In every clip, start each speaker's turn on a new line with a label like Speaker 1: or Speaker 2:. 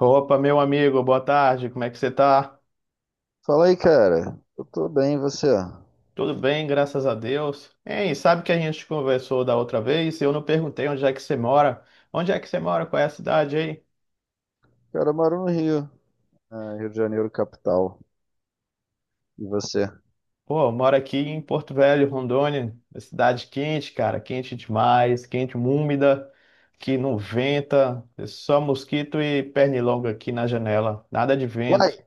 Speaker 1: Opa, meu amigo, boa tarde, como é que você tá?
Speaker 2: Fala aí, cara. Eu tô bem, e você?
Speaker 1: Tudo bem, graças a Deus. Hein, sabe que a gente conversou da outra vez? Eu não perguntei onde é que você mora. Onde é que você mora? Qual é a cidade aí?
Speaker 2: Cara, eu moro no Rio, ah, Rio de Janeiro, capital. E você?
Speaker 1: Pô, eu moro aqui em Porto Velho, Rondônia, uma cidade quente, cara, quente demais, quente, úmida, que não venta, é só mosquito e pernilongo aqui na janela, nada de
Speaker 2: Uai,
Speaker 1: vento.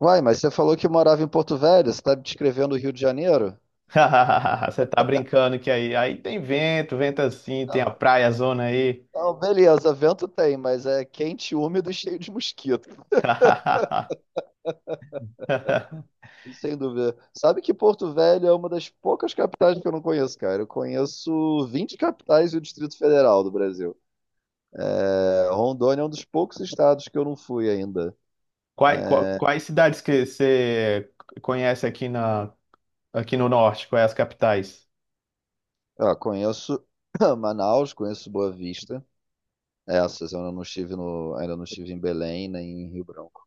Speaker 2: uai, mas você falou que morava em Porto Velho, você tá descrevendo o Rio de Janeiro?
Speaker 1: Você tá brincando que aí tem vento, vento assim, tem a
Speaker 2: Não,
Speaker 1: praia, zona aí.
Speaker 2: não, beleza, vento tem, mas é quente, úmido e cheio de mosquito, sem dúvida. Sabe que Porto Velho é uma das poucas capitais que eu não conheço, cara. Eu conheço 20 capitais e o Distrito Federal do Brasil. É, Rondônia é um dos poucos estados que eu não fui ainda.
Speaker 1: Quais cidades que você conhece aqui no norte? Quais as capitais?
Speaker 2: Ah, conheço Manaus, conheço Boa Vista. É, essas, eu não estive ainda não estive em Belém nem em Rio Branco.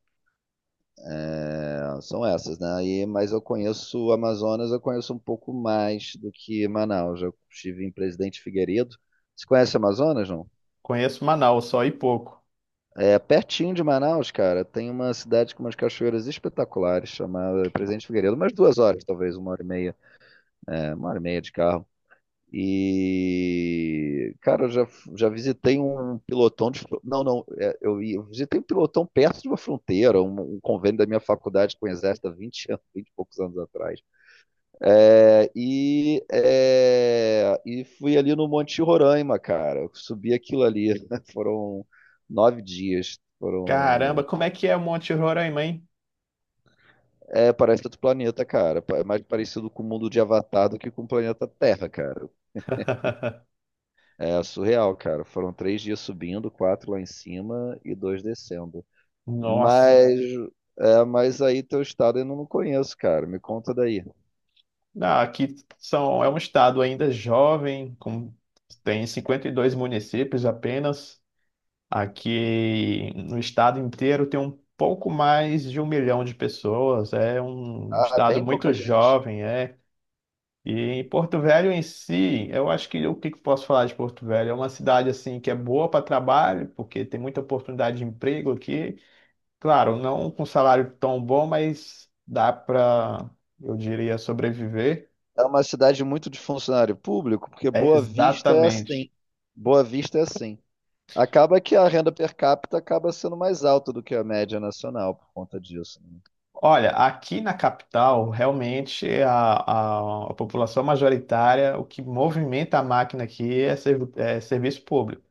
Speaker 2: É, são essas, né? Mas eu conheço o Amazonas, eu conheço um pouco mais do que Manaus. Eu estive em Presidente Figueiredo. Você conhece Amazonas, não?
Speaker 1: Conheço Manaus só e pouco.
Speaker 2: É pertinho de Manaus, cara. Tem uma cidade com umas cachoeiras espetaculares chamada Presidente Figueiredo, umas 2 horas, talvez, 1 hora e meia. É, uma hora e meia de carro. E, cara, eu já visitei um pilotão de. Não, não, eu visitei um pilotão perto de uma fronteira, um convênio da minha faculdade com o Exército há 20 anos, 20 e poucos anos atrás. Fui ali no Monte Roraima, cara. Eu subi aquilo ali. Foram 9 dias.
Speaker 1: Caramba,
Speaker 2: Foram.
Speaker 1: como é que é Monte Roraima, hein?
Speaker 2: É, parece outro planeta, cara. É mais parecido com o mundo de Avatar do que com o planeta Terra, cara. É surreal, cara. Foram 3 dias subindo, quatro lá em cima e dois descendo.
Speaker 1: Nossa.
Speaker 2: Mas, mas aí teu estado eu não conheço, cara. Me conta daí.
Speaker 1: Ah, aqui é um estado ainda jovem, tem 52 municípios apenas. Aqui no estado inteiro tem um pouco mais de 1 milhão de pessoas. É um
Speaker 2: Ah,
Speaker 1: estado
Speaker 2: bem
Speaker 1: muito
Speaker 2: pouca gente.
Speaker 1: jovem, é. E em Porto Velho em si, eu acho que o que que eu posso falar de Porto Velho? É uma cidade assim que é boa para trabalho, porque tem muita oportunidade de emprego aqui. Claro, não com salário tão bom, mas eu diria, sobreviver.
Speaker 2: É uma cidade muito de funcionário público, porque
Speaker 1: É
Speaker 2: Boa Vista é
Speaker 1: exatamente.
Speaker 2: assim. Boa Vista é assim. Acaba que a renda per capita acaba sendo mais alta do que a média nacional por conta disso, né?
Speaker 1: Olha, aqui na capital, realmente a população majoritária, o que movimenta a máquina aqui é serviço público.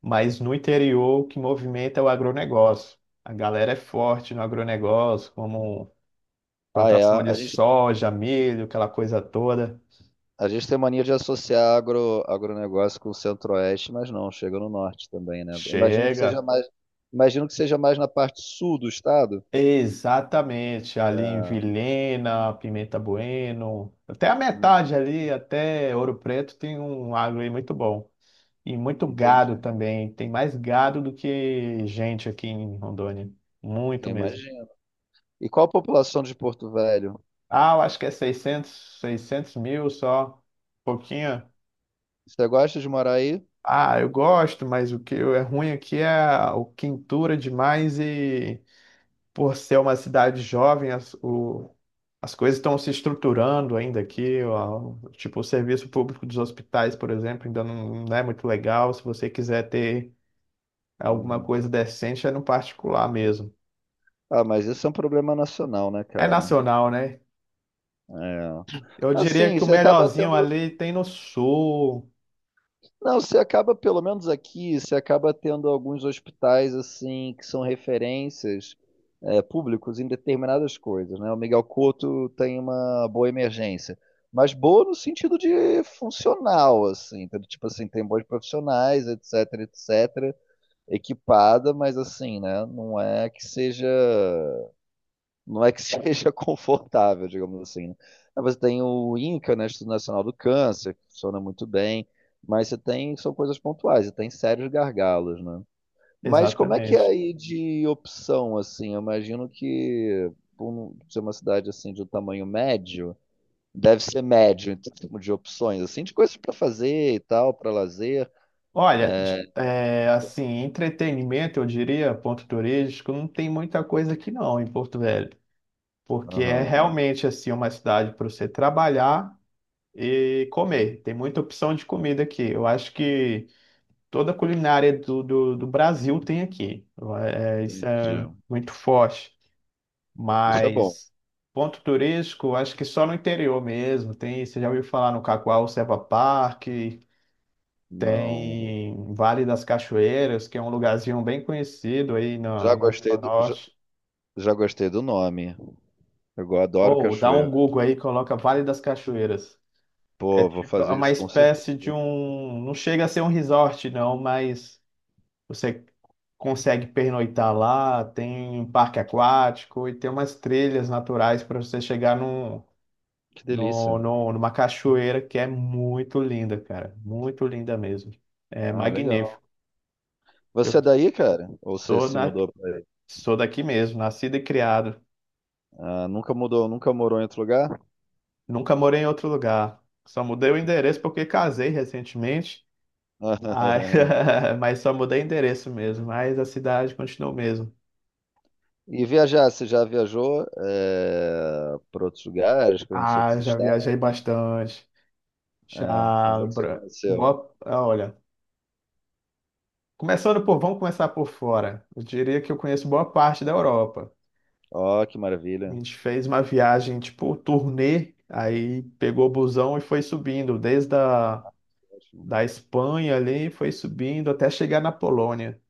Speaker 1: Mas no interior, o que movimenta é o agronegócio. A galera é forte no agronegócio, como
Speaker 2: Ah, é.
Speaker 1: plantação de
Speaker 2: A gente
Speaker 1: soja, milho, aquela coisa toda.
Speaker 2: A gente tem mania de associar agro, agronegócio com o centro-oeste, mas não, chega no norte também, né? Imagino que seja
Speaker 1: Chega.
Speaker 2: mais, imagino que seja mais na parte sul do estado.
Speaker 1: Exatamente, ali em Vilhena, Pimenta Bueno, até a
Speaker 2: Hum,
Speaker 1: metade ali, até Ouro Preto, tem um agro aí muito bom. E muito
Speaker 2: entendi.
Speaker 1: gado também, tem mais gado do que gente aqui em Rondônia, muito mesmo.
Speaker 2: Imagino. E qual a população de Porto Velho?
Speaker 1: Ah, eu acho que é seiscentos mil só, pouquinho.
Speaker 2: Você gosta de morar aí?
Speaker 1: Ah, eu gosto, mas o que é ruim aqui é a o quintura demais e por ser uma cidade jovem, as coisas estão se estruturando ainda aqui. Ó, tipo, o serviço público dos hospitais, por exemplo, ainda não, não é muito legal. Se você quiser ter alguma
Speaker 2: Uhum.
Speaker 1: coisa decente, é no particular mesmo.
Speaker 2: Ah, mas isso é um problema nacional, né,
Speaker 1: É
Speaker 2: cara?
Speaker 1: nacional, né?
Speaker 2: É.
Speaker 1: Eu diria
Speaker 2: Assim,
Speaker 1: que o
Speaker 2: você acaba
Speaker 1: melhorzinho
Speaker 2: tendo.
Speaker 1: ali tem no sul.
Speaker 2: Não, você acaba, pelo menos aqui, você acaba tendo alguns hospitais assim que são referências públicos em determinadas coisas, né? O Miguel Couto tem uma boa emergência, mas boa no sentido de funcional, assim, entendeu? Tipo assim, tem bons profissionais, etc, etc, equipada, mas assim? Não é que seja confortável, digamos assim, né? Aí você tem o INCA, né, Instituto Nacional do Câncer, que funciona muito bem, mas você tem, são coisas pontuais, você tem sérios gargalos, né? Mas como é que é
Speaker 1: Exatamente.
Speaker 2: aí de opção, assim? Eu imagino que, por ser uma cidade, assim, de um tamanho médio, deve ser médio em termos de opções, assim, de coisas para fazer e tal, para lazer.
Speaker 1: Olha,
Speaker 2: É...
Speaker 1: é, assim, entretenimento, eu diria, ponto turístico, não tem muita coisa aqui não em Porto Velho, porque é
Speaker 2: Aham,
Speaker 1: realmente assim uma cidade para você trabalhar e comer. Tem muita opção de comida aqui. Eu acho que toda a culinária do Brasil tem aqui. É, isso
Speaker 2: entendi.
Speaker 1: é muito forte.
Speaker 2: Isso é bom.
Speaker 1: Mas ponto turístico, acho que só no interior mesmo. Tem, você já ouviu falar no Cacoal, Serra Park,
Speaker 2: Não.
Speaker 1: tem Vale das Cachoeiras, que é um lugarzinho bem conhecido aí
Speaker 2: Já
Speaker 1: na
Speaker 2: gostei
Speaker 1: região
Speaker 2: do, já,
Speaker 1: norte.
Speaker 2: já gostei do nome. Eu adoro
Speaker 1: Ou dá um
Speaker 2: cachoeira.
Speaker 1: Google aí, coloca Vale das Cachoeiras. É
Speaker 2: Pô, vou
Speaker 1: tipo é
Speaker 2: fazer
Speaker 1: uma
Speaker 2: isso com certeza.
Speaker 1: espécie de um. Não chega a ser um resort, não, mas você consegue pernoitar lá, tem um parque aquático e tem umas trilhas naturais para você chegar num,
Speaker 2: Que
Speaker 1: no,
Speaker 2: delícia.
Speaker 1: no, numa cachoeira que é muito linda, cara. Muito linda mesmo. É
Speaker 2: Ah, legal.
Speaker 1: magnífico.
Speaker 2: Você
Speaker 1: Eu
Speaker 2: é daí, cara? Ou você
Speaker 1: sou
Speaker 2: se
Speaker 1: na
Speaker 2: mudou pra aí?
Speaker 1: Sou daqui mesmo, nascido e criado.
Speaker 2: Ah, nunca mudou, nunca morou em outro lugar?
Speaker 1: Nunca morei em outro lugar. Só mudei o endereço porque casei recentemente. Ai, mas só mudei endereço mesmo. Mas a cidade continua o mesmo.
Speaker 2: E viajar, você já viajou para outros lugares, conheceu
Speaker 1: Ah,
Speaker 2: outros
Speaker 1: já viajei
Speaker 2: estados?
Speaker 1: bastante.
Speaker 2: É, onde
Speaker 1: Já.
Speaker 2: é que você
Speaker 1: Bra-
Speaker 2: conheceu?
Speaker 1: Boa... ah, Olha, começando por. Vamos começar por fora. Eu diria que eu conheço boa parte da Europa.
Speaker 2: Ó, que
Speaker 1: A
Speaker 2: maravilha.
Speaker 1: gente fez uma viagem, tipo, turnê. Aí pegou o busão e foi subindo, desde a
Speaker 2: Ótimo.
Speaker 1: da Espanha ali, foi subindo até chegar na Polônia.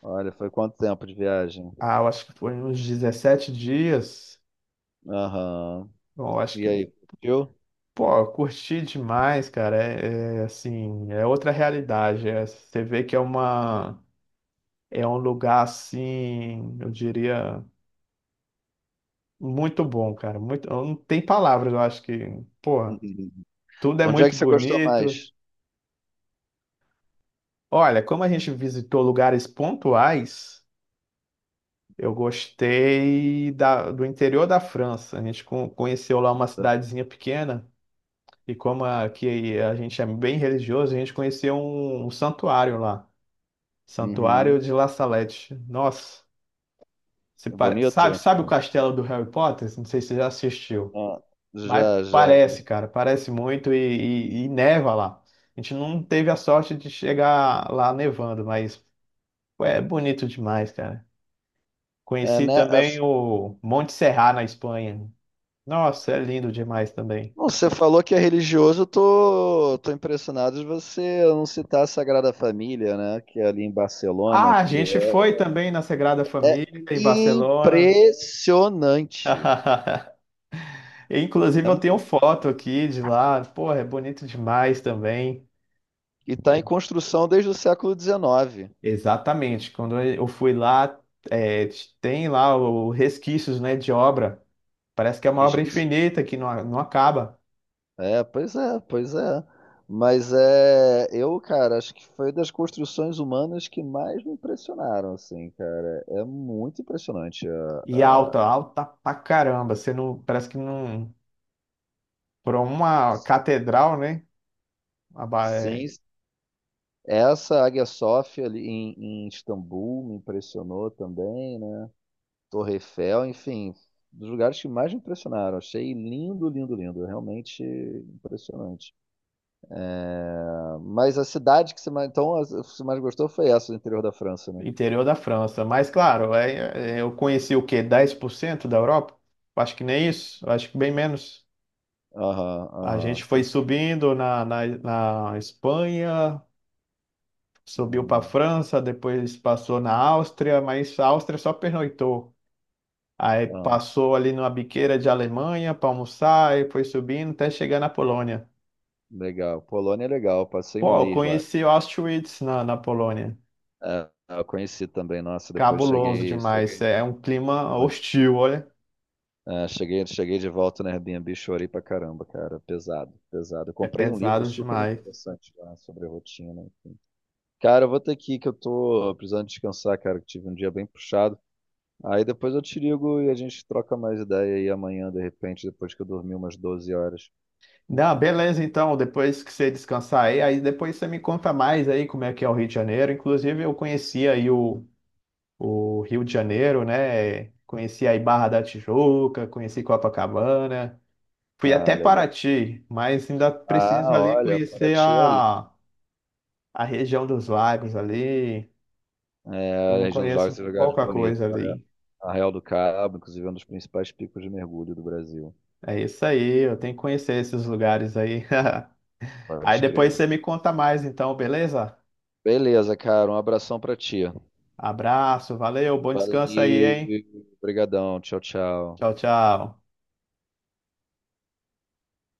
Speaker 2: Olha, foi quanto tempo de viagem?
Speaker 1: Ah, eu acho que foi uns 17 dias.
Speaker 2: Aham.
Speaker 1: Bom, eu acho
Speaker 2: E
Speaker 1: que,
Speaker 2: aí, curtiu?
Speaker 1: pô, eu curti demais, cara. Assim, é outra realidade. É, você vê que é é um lugar assim, eu diria, muito bom, cara. Muito, eu não tem palavras, eu acho que, pô, tudo é
Speaker 2: Onde é
Speaker 1: muito
Speaker 2: que você gostou
Speaker 1: bonito.
Speaker 2: mais?
Speaker 1: Olha, como a gente visitou lugares pontuais, eu gostei do interior da França. A gente conheceu lá uma cidadezinha pequena. E como aqui a gente é bem religioso, a gente conhecia um santuário lá, Santuário
Speaker 2: Uhum.
Speaker 1: de La Salette. Nossa, se pare- sabe,
Speaker 2: Bonito?
Speaker 1: sabe o castelo do Harry Potter? Não sei se você já assistiu,
Speaker 2: Ah,
Speaker 1: mas
Speaker 2: já, já.
Speaker 1: parece, cara, parece muito e neva lá. A gente não teve a sorte de chegar lá nevando, mas pô, é bonito demais, cara.
Speaker 2: É,
Speaker 1: Conheci
Speaker 2: né?
Speaker 1: também o Monte Serra na Espanha. Nossa, é lindo demais também.
Speaker 2: Bom, você falou que é religioso, eu tô impressionado de você não citar a Sagrada Família, né? Que é ali em Barcelona,
Speaker 1: Ah, a
Speaker 2: que
Speaker 1: gente
Speaker 2: é
Speaker 1: foi também na Sagrada Família, em Barcelona.
Speaker 2: impressionante.
Speaker 1: Inclusive,
Speaker 2: É
Speaker 1: eu
Speaker 2: mu-
Speaker 1: tenho foto aqui de lá. Porra, é bonito demais também.
Speaker 2: E está em construção desde o século XIX.
Speaker 1: Exatamente. Quando eu fui lá, é, tem lá o resquícios, né, de obra. Parece que é uma obra
Speaker 2: Resquício.
Speaker 1: infinita que não, não acaba.
Speaker 2: É, pois é, pois é. Mas é, eu, cara, acho que foi das construções humanas que mais me impressionaram, assim, cara. É muito impressionante. É.
Speaker 1: E alta, alta pra caramba. Você não, parece que não. Por uma catedral, né? a ba- é,
Speaker 2: Sim, essa Águia Sofia ali em, Istambul me impressionou também, né? Torre Eiffel, enfim, dos lugares que mais me impressionaram. Achei lindo, lindo, lindo, realmente impressionante. Ah, mas a cidade que você mais, então, que você mais gostou foi essa do interior da França, né?
Speaker 1: Interior da França. Mas, claro, eu conheci o quê? 10% da Europa? Acho que nem isso. Acho que bem menos.
Speaker 2: Aham,
Speaker 1: A
Speaker 2: aham,
Speaker 1: gente foi
Speaker 2: entendi.
Speaker 1: subindo na Espanha, subiu para a
Speaker 2: Uhum,
Speaker 1: França, depois passou na Áustria, mas a Áustria só pernoitou. Aí
Speaker 2: aham,
Speaker 1: passou ali numa biqueira de Alemanha para almoçar e foi subindo até chegar na Polônia.
Speaker 2: legal. Polônia é legal, passei um
Speaker 1: Pô, eu
Speaker 2: mês lá.
Speaker 1: conheci Auschwitz na Polônia.
Speaker 2: Ah, eu conheci também, nossa, depois
Speaker 1: Cabuloso
Speaker 2: cheguei,
Speaker 1: demais.
Speaker 2: cheguei
Speaker 1: É um clima
Speaker 2: muito.
Speaker 1: hostil, olha.
Speaker 2: Ah, cheguei de volta na Airbnb, chorei pra caramba, cara. Pesado, pesado. Eu
Speaker 1: É
Speaker 2: comprei um livro
Speaker 1: pesado
Speaker 2: super
Speaker 1: demais.
Speaker 2: interessante lá sobre rotina, enfim. Cara, eu vou ter que ir, que eu tô precisando descansar, cara, que tive um dia bem puxado. Aí depois eu te ligo e a gente troca mais ideia aí amanhã, de repente, depois que eu dormi umas 12 horas.
Speaker 1: Não, beleza, então, depois que você descansar aí, aí depois você me conta mais aí como é que é o Rio de Janeiro. Inclusive, eu conheci aí o Rio de Janeiro, né? Conheci aí Barra da Tijuca, conheci Copacabana, fui
Speaker 2: Ah,
Speaker 1: até
Speaker 2: legal.
Speaker 1: Paraty, mas ainda
Speaker 2: Ah,
Speaker 1: preciso ali
Speaker 2: olha,
Speaker 1: conhecer
Speaker 2: Paraty é lindo.
Speaker 1: a região dos lagos ali.
Speaker 2: É,
Speaker 1: Eu
Speaker 2: a
Speaker 1: não
Speaker 2: região dos lagos
Speaker 1: conheço
Speaker 2: tem lugares
Speaker 1: pouca
Speaker 2: bonitos.
Speaker 1: coisa
Speaker 2: É,
Speaker 1: ali.
Speaker 2: a Real do Cabo, inclusive, é um dos principais picos de mergulho do Brasil.
Speaker 1: É isso aí, eu tenho que conhecer esses lugares aí. Aí
Speaker 2: Pode
Speaker 1: depois
Speaker 2: crer.
Speaker 1: você me conta mais, então, beleza?
Speaker 2: Beleza, cara. Um abração pra ti.
Speaker 1: Abraço, valeu, bom descanso aí,
Speaker 2: Valeu,
Speaker 1: hein?
Speaker 2: obrigadão, tchau,
Speaker 1: Tchau,
Speaker 2: tchau.
Speaker 1: tchau.